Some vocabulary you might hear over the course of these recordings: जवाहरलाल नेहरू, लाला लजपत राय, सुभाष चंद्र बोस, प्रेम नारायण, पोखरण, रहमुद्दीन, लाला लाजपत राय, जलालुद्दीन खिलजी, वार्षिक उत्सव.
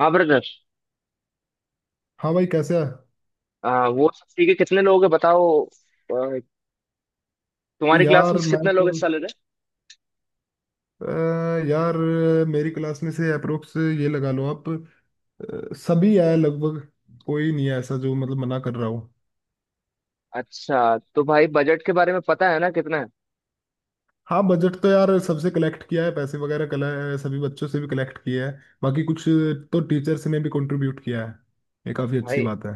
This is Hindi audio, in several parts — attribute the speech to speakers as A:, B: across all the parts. A: हाँ ब्रदर।
B: हाँ भाई कैसे है।
A: वो सब ठीक है। कितने लोग हैं बताओ? तुम्हारी क्लास
B: यार
A: में
B: मैं
A: कितने लोग
B: तो
A: हिस्सा ले रहे
B: अ, यार मेरी क्लास में से अप्रोक्स ये लगा लो आप। सभी है लगभग। कोई नहीं है ऐसा जो मतलब मना कर रहा हो।
A: हैं? अच्छा तो भाई, बजट के बारे में पता है ना कितना है,
B: हाँ बजट तो यार सबसे कलेक्ट किया है पैसे वगैरह कल। सभी बच्चों से भी कलेक्ट किया है। बाकी कुछ तो टीचर्स ने भी कंट्रीब्यूट किया है। ये काफ़ी अच्छी
A: भाई?
B: बात है।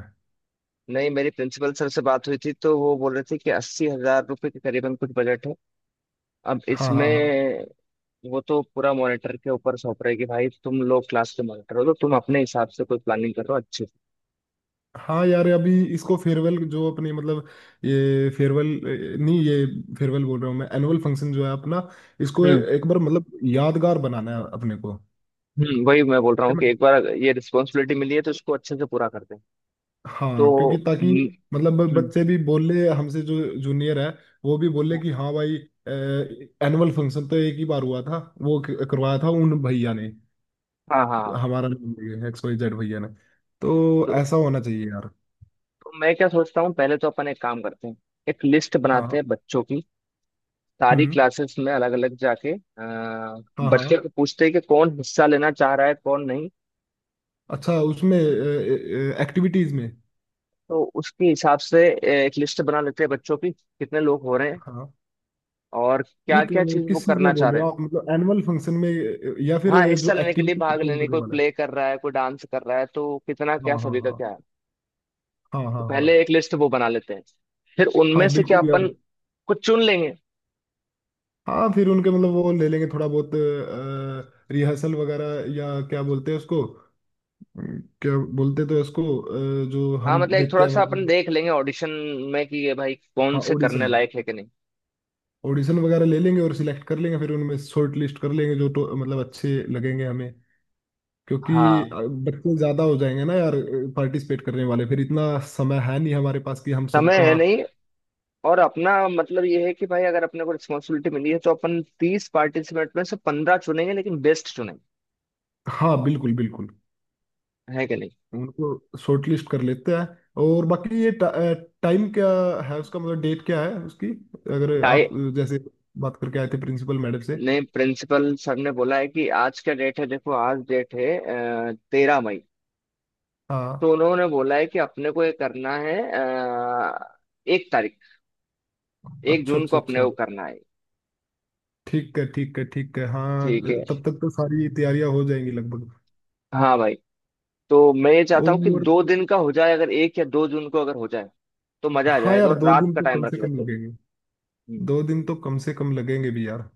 A: नहीं, मेरी प्रिंसिपल सर से बात हुई थी तो वो बोल रहे थे कि 80,000 रुपये के करीबन कुछ बजट है। अब
B: हाँ,
A: इसमें
B: हाँ, हाँ।
A: वो तो पूरा मॉनिटर के ऊपर सौंप रहे कि भाई तुम लोग क्लास के मॉनिटर हो तो तुम अपने हिसाब से कोई प्लानिंग करो अच्छे से।
B: हाँ यार अभी इसको फेयरवेल जो अपनी मतलब ये फेयरवेल, नहीं ये फेयरवेल बोल रहा हूँ मैं, एनुअल फंक्शन जो है अपना, इसको
A: हम्म।
B: एक बार मतलब यादगार बनाना है अपने को।
A: वही मैं बोल रहा हूँ कि
B: मैं-
A: एक बार ये रिस्पॉन्सिबिलिटी मिली है तो इसको अच्छे से पूरा करते हैं।
B: हाँ
A: तो।
B: क्योंकि ताकि
A: हम्म,
B: मतलब
A: हम्म,
B: बच्चे भी बोले हमसे, जो जूनियर है वो भी बोले कि हाँ भाई एनुअल फंक्शन तो एक ही बार हुआ था, वो करवाया था उन भैया ने,
A: हाँ, हाँ, हाँ।
B: हमारा एक्स वाई जेड भैया ने। तो
A: तो
B: ऐसा होना चाहिए यार।
A: तो मैं क्या सोचता हूँ, पहले तो अपन एक काम करते हैं। एक लिस्ट बनाते
B: हाँ।
A: हैं बच्चों की। सारी
B: हम्म।
A: क्लासेस में अलग अलग जाके
B: हाँ,
A: बच्चे
B: हाँ।
A: को पूछते हैं कि कौन हिस्सा लेना चाह रहा है कौन नहीं।
B: अच्छा उसमें एक्टिविटीज में।
A: तो उसके हिसाब से एक लिस्ट बना लेते हैं बच्चों की कितने लोग हो रहे हैं।
B: हाँ।
A: और क्या
B: नहीं
A: क्या चीज वो
B: किस चीज
A: करना
B: में
A: चाह
B: बोल रहे
A: रहे
B: हो
A: हैं।
B: आप, मतलब एनुअल फंक्शन में या फिर
A: हाँ, हिस्सा
B: जो
A: लेने के लिए,
B: एक्टिविटी
A: भाग
B: परफॉर्म
A: लेने,
B: करने
A: कोई
B: वाला है।
A: प्ले कर रहा है कोई डांस कर रहा है, तो कितना
B: हाँ,
A: क्या
B: हाँ,
A: सभी का
B: हाँ।
A: क्या है।
B: हाँ,
A: तो
B: हाँ, हाँ।
A: पहले एक लिस्ट वो बना लेते हैं, फिर
B: हाँ
A: उनमें से क्या
B: बिल्कुल
A: अपन
B: यार।
A: कुछ चुन लेंगे।
B: हाँ फिर उनके मतलब वो ले लेंगे थोड़ा बहुत रिहर्सल वगैरह, या क्या बोलते हैं उसको, क्या बोलते तो इसको, जो
A: हाँ,
B: हम
A: मतलब एक
B: देते
A: थोड़ा
B: हैं
A: सा अपन
B: मतलब।
A: देख लेंगे ऑडिशन में, कि ये भाई कौन
B: हाँ
A: से करने
B: ऑडिशन,
A: लायक है कि नहीं।
B: ऑडिशन वगैरह ले लेंगे और सिलेक्ट कर लेंगे, फिर उनमें शॉर्ट लिस्ट कर लेंगे जो तो मतलब अच्छे लगेंगे हमें, क्योंकि अ,
A: हाँ,
B: बच्चे ज़्यादा हो जाएंगे ना यार, पार्टिसिपेट करने वाले, फिर इतना समय है नहीं हमारे पास कि हम
A: समय
B: सबका।
A: है नहीं। और अपना मतलब ये है कि भाई अगर अपने को रिस्पॉन्सिबिलिटी मिली है तो अपन 30 पार्टिसिपेंट में से 15 चुनेंगे लेकिन बेस्ट चुनेंगे।
B: हाँ बिल्कुल, बिल्कुल।
A: है कि नहीं?
B: उनको शॉर्ट लिस्ट कर लेते हैं और बाकी ये टाइम क्या है उसका, मतलब डेट क्या है उसकी, अगर
A: डाई
B: आप जैसे बात करके आए थे प्रिंसिपल मैडम से।
A: ने प्रिंसिपल सर ने बोला है कि आज का डेट है, देखो आज डेट है 13 मई। तो
B: हाँ,
A: उन्होंने बोला है कि अपने को ये करना है एक तारीख एक
B: अच्छा,
A: जून को
B: अच्छा,
A: अपने
B: अच्छा।
A: को करना है।
B: ठीक है, ठीक है, ठीक है, हाँ।
A: ठीक है।
B: तब तक तो सारी तैयारियां हो जाएंगी लगभग।
A: हाँ भाई, तो मैं ये चाहता हूँ कि
B: और
A: 2 दिन का हो जाए, अगर 1 या 2 जून को अगर हो जाए तो मजा आ
B: हाँ
A: जाएगा
B: यार
A: और
B: दो
A: रात
B: दिन
A: का
B: तो
A: टाइम
B: कम
A: रख
B: से कम
A: लेते हैं।
B: लगेंगे।
A: हम्म।
B: दो दिन तो कम से कम लगेंगे भी यार।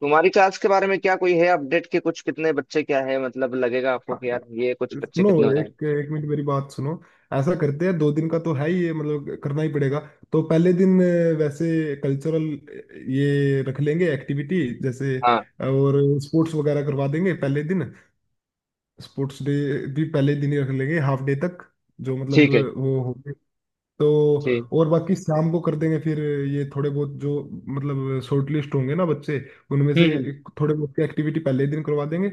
A: तुम्हारी क्लास के बारे में क्या कोई है अपडेट कि कुछ कितने बच्चे क्या है, मतलब लगेगा आपको
B: हाँ।
A: कि यार ये कुछ बच्चे
B: सुनो,
A: कितने हो जाएंगे?
B: एक एक मिनट मेरी बात सुनो। ऐसा करते हैं, दो दिन का तो है ही ये, मतलब करना ही पड़ेगा। तो पहले दिन वैसे कल्चरल ये रख लेंगे एक्टिविटी जैसे,
A: हाँ,
B: और स्पोर्ट्स वगैरह करवा देंगे पहले दिन। स्पोर्ट्स डे भी पहले दिन ही रख लेंगे हाफ डे तक, जो मतलब
A: ठीक है,
B: वो हो तो।
A: ठीक।
B: और बाकी शाम को कर देंगे फिर ये थोड़े बहुत जो मतलब शॉर्ट लिस्ट होंगे ना बच्चे, उनमें
A: हम्म,
B: से
A: हम्म।
B: थोड़े बहुत की एक्टिविटी पहले ही दिन करवा देंगे।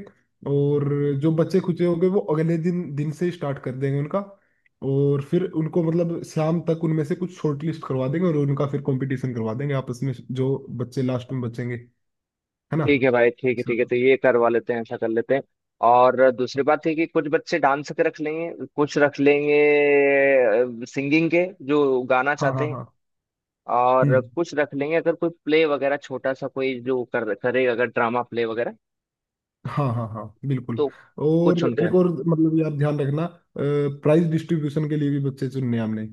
B: और जो बच्चे खुचे होंगे वो अगले दिन दिन से स्टार्ट कर देंगे उनका। और फिर उनको मतलब शाम तक उनमें से कुछ शॉर्ट लिस्ट करवा देंगे, और उनका फिर कंपटीशन करवा देंगे आपस में, जो बच्चे लास्ट में बचेंगे, है ना।
A: ठीक है भाई, ठीक है, ठीक है,
B: शाम-
A: तो ये करवा लेते हैं, ऐसा कर लेते हैं। और दूसरी बात है कि कुछ बच्चे डांस के रख लेंगे, कुछ रख लेंगे सिंगिंग के जो गाना
B: हाँ,
A: चाहते
B: हाँ,
A: हैं।
B: हाँ।
A: और
B: हम्म।
A: कुछ रख लेंगे अगर कोई प्ले वगैरह छोटा सा, कोई जो कर करे, अगर ड्रामा प्ले वगैरह।
B: हाँ, हाँ, हाँ बिल्कुल।
A: तो
B: और
A: कुछ उनके।
B: एक और मतलब यार ध्यान रखना, प्राइज डिस्ट्रीब्यूशन के लिए भी बच्चे चुनने हैं हमने,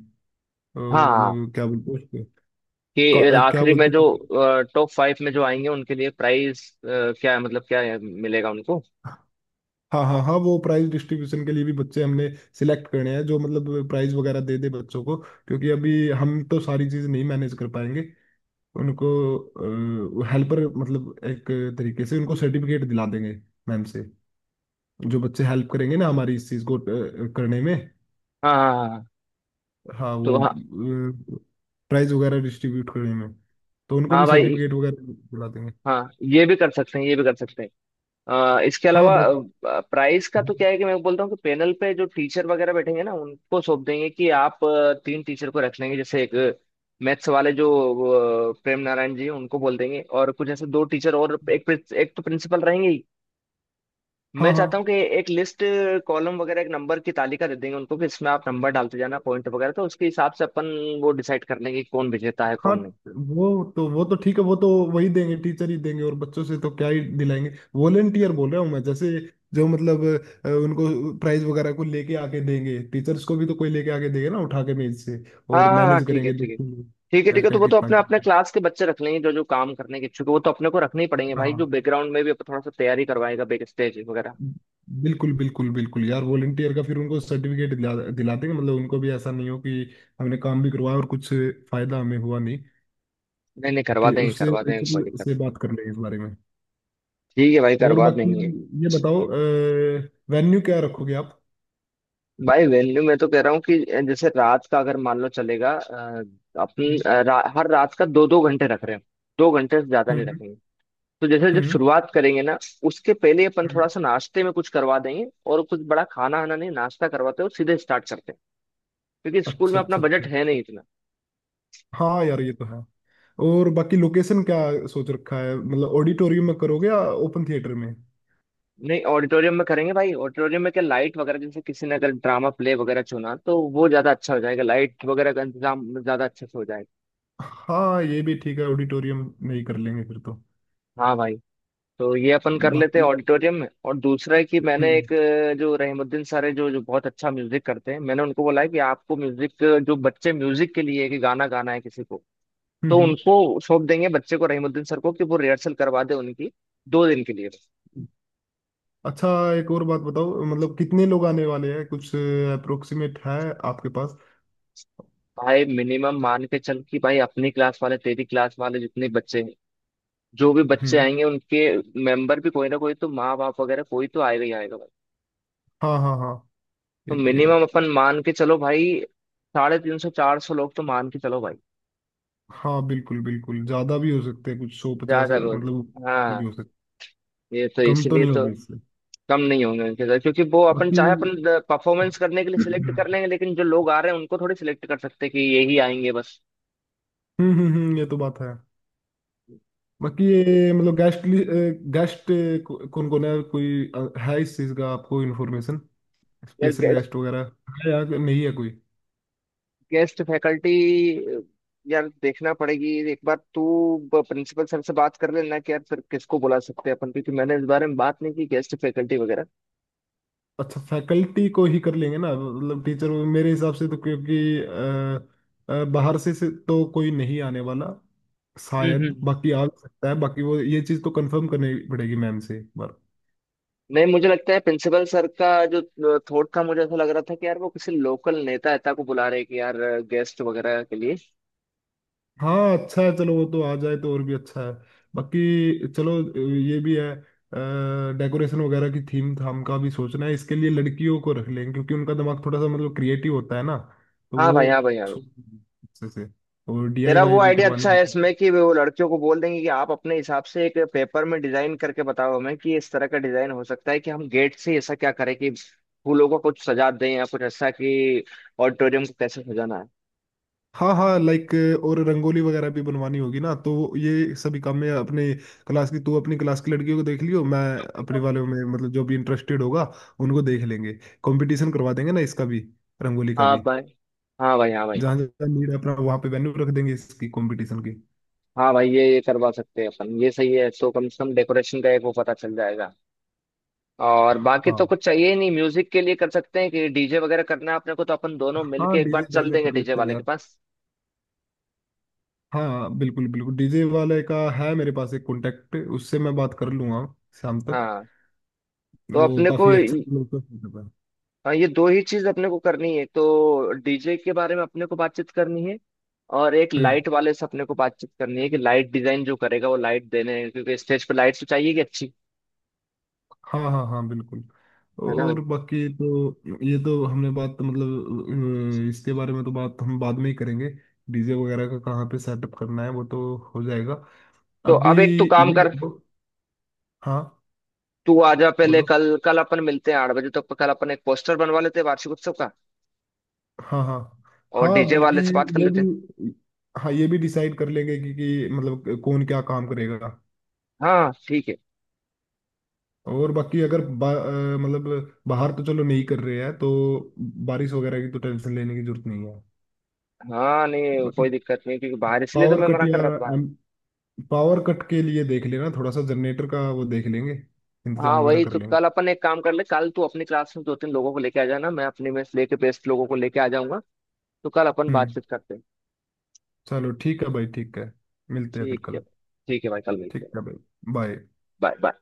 B: तो
A: हाँ,
B: मतलब क्या बोलते हैं उसको,
A: कि
B: क्या
A: आखिरी में जो
B: बोलते हैं।
A: टॉप 5 में जो आएंगे उनके लिए प्राइस क्या है, मतलब क्या है, मिलेगा उनको।
B: हाँ, हाँ, हाँ, वो प्राइज डिस्ट्रीब्यूशन के लिए भी बच्चे हमने सिलेक्ट करने हैं जो मतलब प्राइज वगैरह दे दे बच्चों को, क्योंकि अभी हम तो सारी चीज़ नहीं मैनेज कर पाएंगे उनको। हेल्पर मतलब एक तरीके से उनको सर्टिफिकेट दिला देंगे मैम से, जो बच्चे हेल्प करेंगे ना हमारी इस चीज़ को करने में।
A: हाँ, हाँ, हाँ, हाँ।
B: हाँ
A: तो
B: वो
A: हाँ।
B: प्राइज वगैरह डिस्ट्रीब्यूट करने में, तो उनको
A: हाँ
B: भी
A: भाई।
B: सर्टिफिकेट वगैरह दिला देंगे।
A: हाँ, ये भी कर सकते हैं, ये भी कर सकते हैं। इसके
B: हाँ
A: अलावा
B: बस।
A: प्राइस का तो क्या है कि मैं बोलता हूँ कि पैनल पे जो टीचर वगैरह बैठेंगे ना उनको सौंप देंगे कि आप तीन टीचर को रख लेंगे, जैसे एक मैथ्स वाले जो प्रेम नारायण जी हैं, उनको बोल देंगे और कुछ ऐसे दो टीचर और एक तो प्रिंसिपल रहेंगे ही।
B: हाँ,
A: मैं
B: हाँ,
A: चाहता हूँ कि एक लिस्ट, कॉलम वगैरह, एक नंबर की तालिका दे देंगे उनको कि इसमें आप नंबर डालते जाना पॉइंट वगैरह, तो उसके हिसाब से अपन वो डिसाइड कर लेंगे कि कौन विजेता है
B: हाँ,
A: कौन नहीं।
B: वो तो ठीक है, वो तो वही देंगे, टीचर ही देंगे, और बच्चों से तो क्या ही दिलाएंगे। वॉलेंटियर बोल रहा हूँ मैं, जैसे जो मतलब उनको प्राइज वगैरह को लेके आके देंगे, टीचर्स को भी तो कोई लेके आके देगा ना उठा के मेज से,
A: हाँ,
B: और
A: हाँ, हाँ,
B: मैनेज
A: ठीक है,
B: करेंगे,
A: ठीक है,
B: देखेंगे
A: ठीक है,
B: क्या
A: ठीक है,
B: क्या
A: तो वो तो
B: कितना
A: अपने अपने
B: कितना।
A: क्लास के बच्चे रख लेंगे जो जो काम करने के इच्छुक है, वो तो अपने को रखने ही पड़ेंगे भाई, जो
B: हाँ
A: बैकग्राउंड में भी अपन थोड़ा सा तैयारी करवाएगा बैक स्टेज वगैरह।
B: बिल्कुल, बिल्कुल, बिल्कुल यार, वॉलेंटियर का फिर उनको सर्टिफिकेट दिला दिला देंगे, मतलब उनको भी ऐसा नहीं हो कि हमने काम भी करवाया और कुछ फायदा हमें हुआ नहीं।
A: नहीं नहीं, करवा
B: ठीक,
A: देंगे,
B: उससे
A: करवा देंगे, कोई
B: प्रिंसिपल
A: दिक्कत।
B: से बात कर लेंगे इस बारे में।
A: ठीक है भाई,
B: और
A: करवा
B: बाकी
A: देंगे।
B: ये बताओ, वेन्यू क्या रखोगे आप।
A: भाई वेन्यू मैं तो कह रहा हूँ कि जैसे रात का अगर मान लो चलेगा, अपन
B: हम्म।
A: हर रात का 2-2 घंटे रख रहे हैं। 2 घंटे से ज्यादा नहीं
B: हम्म।
A: रखेंगे। तो जैसे जब
B: हम्म
A: शुरुआत करेंगे ना, उसके पहले अपन थोड़ा
B: हम्म,
A: सा नाश्ते में कुछ करवा देंगे और कुछ बड़ा खाना आना नहीं, नाश्ता करवाते हो सीधे स्टार्ट करते हैं। क्योंकि स्कूल में
B: अच्छा,
A: अपना
B: अच्छा,
A: बजट
B: अच्छा।
A: है नहीं इतना।
B: हाँ यार ये तो है। और बाकी लोकेशन क्या सोच रखा है, मतलब ऑडिटोरियम में करोगे या ओपन थिएटर में।
A: नहीं, ऑडिटोरियम में करेंगे भाई। ऑडिटोरियम में क्या, लाइट वगैरह, जैसे किसी ने अगर ड्रामा प्ले वगैरह चुना तो वो ज्यादा अच्छा हो जाएगा, लाइट वगैरह का इंतजाम ज्यादा अच्छे से हो जाएगा।
B: हाँ ये भी ठीक है, ऑडिटोरियम में ही कर लेंगे फिर तो।
A: हाँ भाई, तो ये अपन कर लेते हैं
B: बाकी
A: ऑडिटोरियम में। और दूसरा है कि मैंने
B: हम्म,
A: एक जो रहमुद्दीन सर है जो जो बहुत अच्छा म्यूजिक करते हैं, मैंने उनको बोला है कि आपको म्यूजिक, जो बच्चे म्यूजिक के लिए कि गाना गाना है किसी को,
B: हम्म,
A: तो उनको सौंप देंगे बच्चे को रहीमुद्दीन सर को कि वो रिहर्सल करवा दे उनकी 2 दिन के लिए।
B: अच्छा, एक और बात बताओ, मतलब कितने लोग आने वाले हैं, कुछ अप्रोक्सीमेट है आपके पास।
A: भाई मिनिमम मान के चल कि भाई अपनी क्लास वाले, तेरी क्लास वाले जितने बच्चे हैं, जो भी बच्चे
B: हम्म।
A: आएंगे उनके मेंबर भी कोई ना कोई तो, माँ बाप वगैरह कोई तो आएगा ही आएगा भाई।
B: हाँ, हाँ, हाँ,
A: तो
B: ये भी है।
A: मिनिमम अपन मान के चलो भाई, 350 400 लोग तो मान के चलो भाई।
B: हाँ बिल्कुल, बिल्कुल, ज्यादा भी हो सकते हैं कुछ सौ पचास
A: ज्यादा लोग,
B: मतलब ऊपर
A: हाँ,
B: भी हो सकते,
A: ये तो
B: कम तो
A: इसलिए
B: नहीं
A: तो।
B: होगा इससे।
A: कम नहीं होंगे उनके साथ, क्योंकि वो अपन
B: बाकी
A: चाहे अपन परफॉर्मेंस करने के लिए सिलेक्ट
B: हम्म
A: कर लेंगे लेकिन जो लोग आ रहे हैं उनको थोड़ी सिलेक्ट कर सकते हैं कि यही आएंगे बस।
B: ये तो बात है। बाकी ये मतलब गेस्ट, गेस्ट कौन कौन है, कोई है इस चीज का आपको इन्फॉर्मेशन,
A: यार,
B: स्पेशल
A: गेस्ट
B: गेस्ट वगैरह है या नहीं है कोई।
A: गेस्ट फैकल्टी, यार, देखना पड़ेगी एक बार तू प्रिंसिपल सर से बात कर लेना कि यार फिर किसको बुला सकते हैं अपन, क्योंकि मैंने इस बारे में बात नहीं की गेस्ट फैकल्टी वगैरह।
B: अच्छा फैकल्टी को ही कर लेंगे ना मतलब टीचर, मेरे हिसाब से तो, क्योंकि बाहर से तो कोई नहीं आने वाला
A: हम्म,
B: शायद,
A: हम्म।
B: बाकी आ भी सकता है, बाकी वो ये चीज़ तो कंफर्म करनी पड़ेगी मैम से एक बार।
A: नहीं, मुझे लगता है प्रिंसिपल सर का जो थॉट था, मुझे ऐसा लग रहा था कि यार वो किसी लोकल नेता नेता को बुला रहे हैं कि यार, गेस्ट वगैरह के लिए।
B: हाँ अच्छा है, चलो वो तो आ जाए तो और भी अच्छा है। बाकी चलो ये भी है, डेकोरेशन वगैरह की थीम थाम का भी सोचना है, इसके लिए लड़कियों को रख लें, क्योंकि उनका दिमाग थोड़ा सा मतलब क्रिएटिव होता है ना, तो
A: हाँ
B: वो
A: भाई, हाँ भाई, हाँ।
B: सोच अच्छे से, और
A: तेरा वो
B: डीआईवाई भी
A: आइडिया
B: करवानी
A: अच्छा है
B: है।
A: इसमें कि वो लड़कियों को बोल देंगे कि आप अपने हिसाब से एक पेपर में डिजाइन करके बताओ हमें, कि इस तरह का डिजाइन हो सकता है कि हम गेट से ऐसा क्या करें कि फूलों को कुछ सजा दें, या कुछ ऐसा कि ऑडिटोरियम को कैसे सजाना है।
B: हाँ हाँ लाइक, और रंगोली वगैरह भी बनवानी होगी ना, तो ये सभी काम में अपने क्लास की तू अपनी क्लास की लड़कियों को देख लियो, मैं अपने वालों में मतलब जो भी इंटरेस्टेड होगा उनको देख लेंगे। कंपटीशन करवा देंगे ना इसका भी, रंगोली का
A: हाँ
B: भी।
A: भाई, हाँ भाई, हाँ भाई,
B: जहाँ जहाँ नीड है अपना वहाँ पे वेन्यू रख देंगे इसकी कंपटीशन की।
A: हाँ भाई, ये करवा सकते हैं अपन, ये सही है तो कम से कम डेकोरेशन का एक वो पता चल जाएगा। और बाकी तो
B: हाँ,
A: कुछ चाहिए ही नहीं, म्यूजिक के लिए कर सकते हैं कि डीजे वगैरह करना है अपने को, तो अपन दोनों मिलके
B: हाँ
A: एक बार
B: डीजे
A: चल
B: डाजे
A: देंगे
B: कर
A: डीजे
B: लेते हैं
A: वाले के
B: यार।
A: पास।
B: हाँ बिल्कुल, बिल्कुल, डीजे वाले का है मेरे पास एक कॉन्टेक्ट, उससे मैं बात कर लूंगा शाम तक।
A: हाँ, तो
B: वो
A: अपने को,
B: काफी अच्छा लोग।
A: हाँ, ये दो ही चीज अपने को करनी है, तो डीजे के बारे में अपने को बातचीत करनी है। और एक
B: हम्म।
A: लाइट वाले से अपने को बातचीत करनी है कि लाइट डिजाइन जो करेगा वो लाइट देने हैं, क्योंकि स्टेज पे लाइट तो चाहिए कि अच्छी।
B: हाँ, हाँ, हाँ बिल्कुल।
A: है ना भाई?
B: और बाकी तो ये तो हमने बात मतलब अ, इसके बारे में तो बात हम बाद में ही करेंगे, डीजे वगैरह का कहाँ पे सेटअप करना है वो तो हो जाएगा।
A: तो
B: अभी
A: अब एक तो काम
B: ये
A: कर,
B: बताओ- हाँ
A: तू आ जा पहले
B: बोलो।
A: कल, कल अपन मिलते हैं 8 बजे तक, कल अपन एक पोस्टर बनवा लेते हैं वार्षिक उत्सव का।
B: हाँ, हाँ,
A: और
B: हाँ
A: डीजे
B: बल्कि
A: वाले से बात कर
B: ये
A: लेते हैं।
B: भी, हाँ ये भी डिसाइड कर लेंगे कि मतलब कौन क्या काम करेगा।
A: हाँ ठीक है।
B: और बाकी अगर मतलब बाहर तो चलो नहीं कर रहे हैं तो बारिश वगैरह की तो टेंशन लेने की जरूरत नहीं है।
A: हाँ, नहीं
B: बाकी
A: कोई दिक्कत नहीं, क्योंकि बाहर इसलिए तो
B: पावर
A: मैं
B: कट
A: मना कर
B: या
A: रहा था बाहर।
B: पावर कट के लिए देख लेना थोड़ा सा, जनरेटर का वो देख लेंगे,
A: हाँ
B: इंतजाम वगैरह
A: वही
B: कर
A: तो
B: लेंगे।
A: कल अपन एक काम कर ले, कल तू अपनी क्लास में दो तीन लोगों को लेके आ जाना, मैं अपनी में से लेके बेस्ट लोगों को लेके आ जाऊंगा। तो कल अपन
B: हम्म।
A: बातचीत करते हैं।
B: चलो ठीक है भाई, ठीक है, मिलते हैं फिर
A: ठीक है।
B: कल।
A: ठीक है भाई, कल मिलते
B: ठीक है
A: हैं।
B: भाई, बाय।
A: Bye, bye.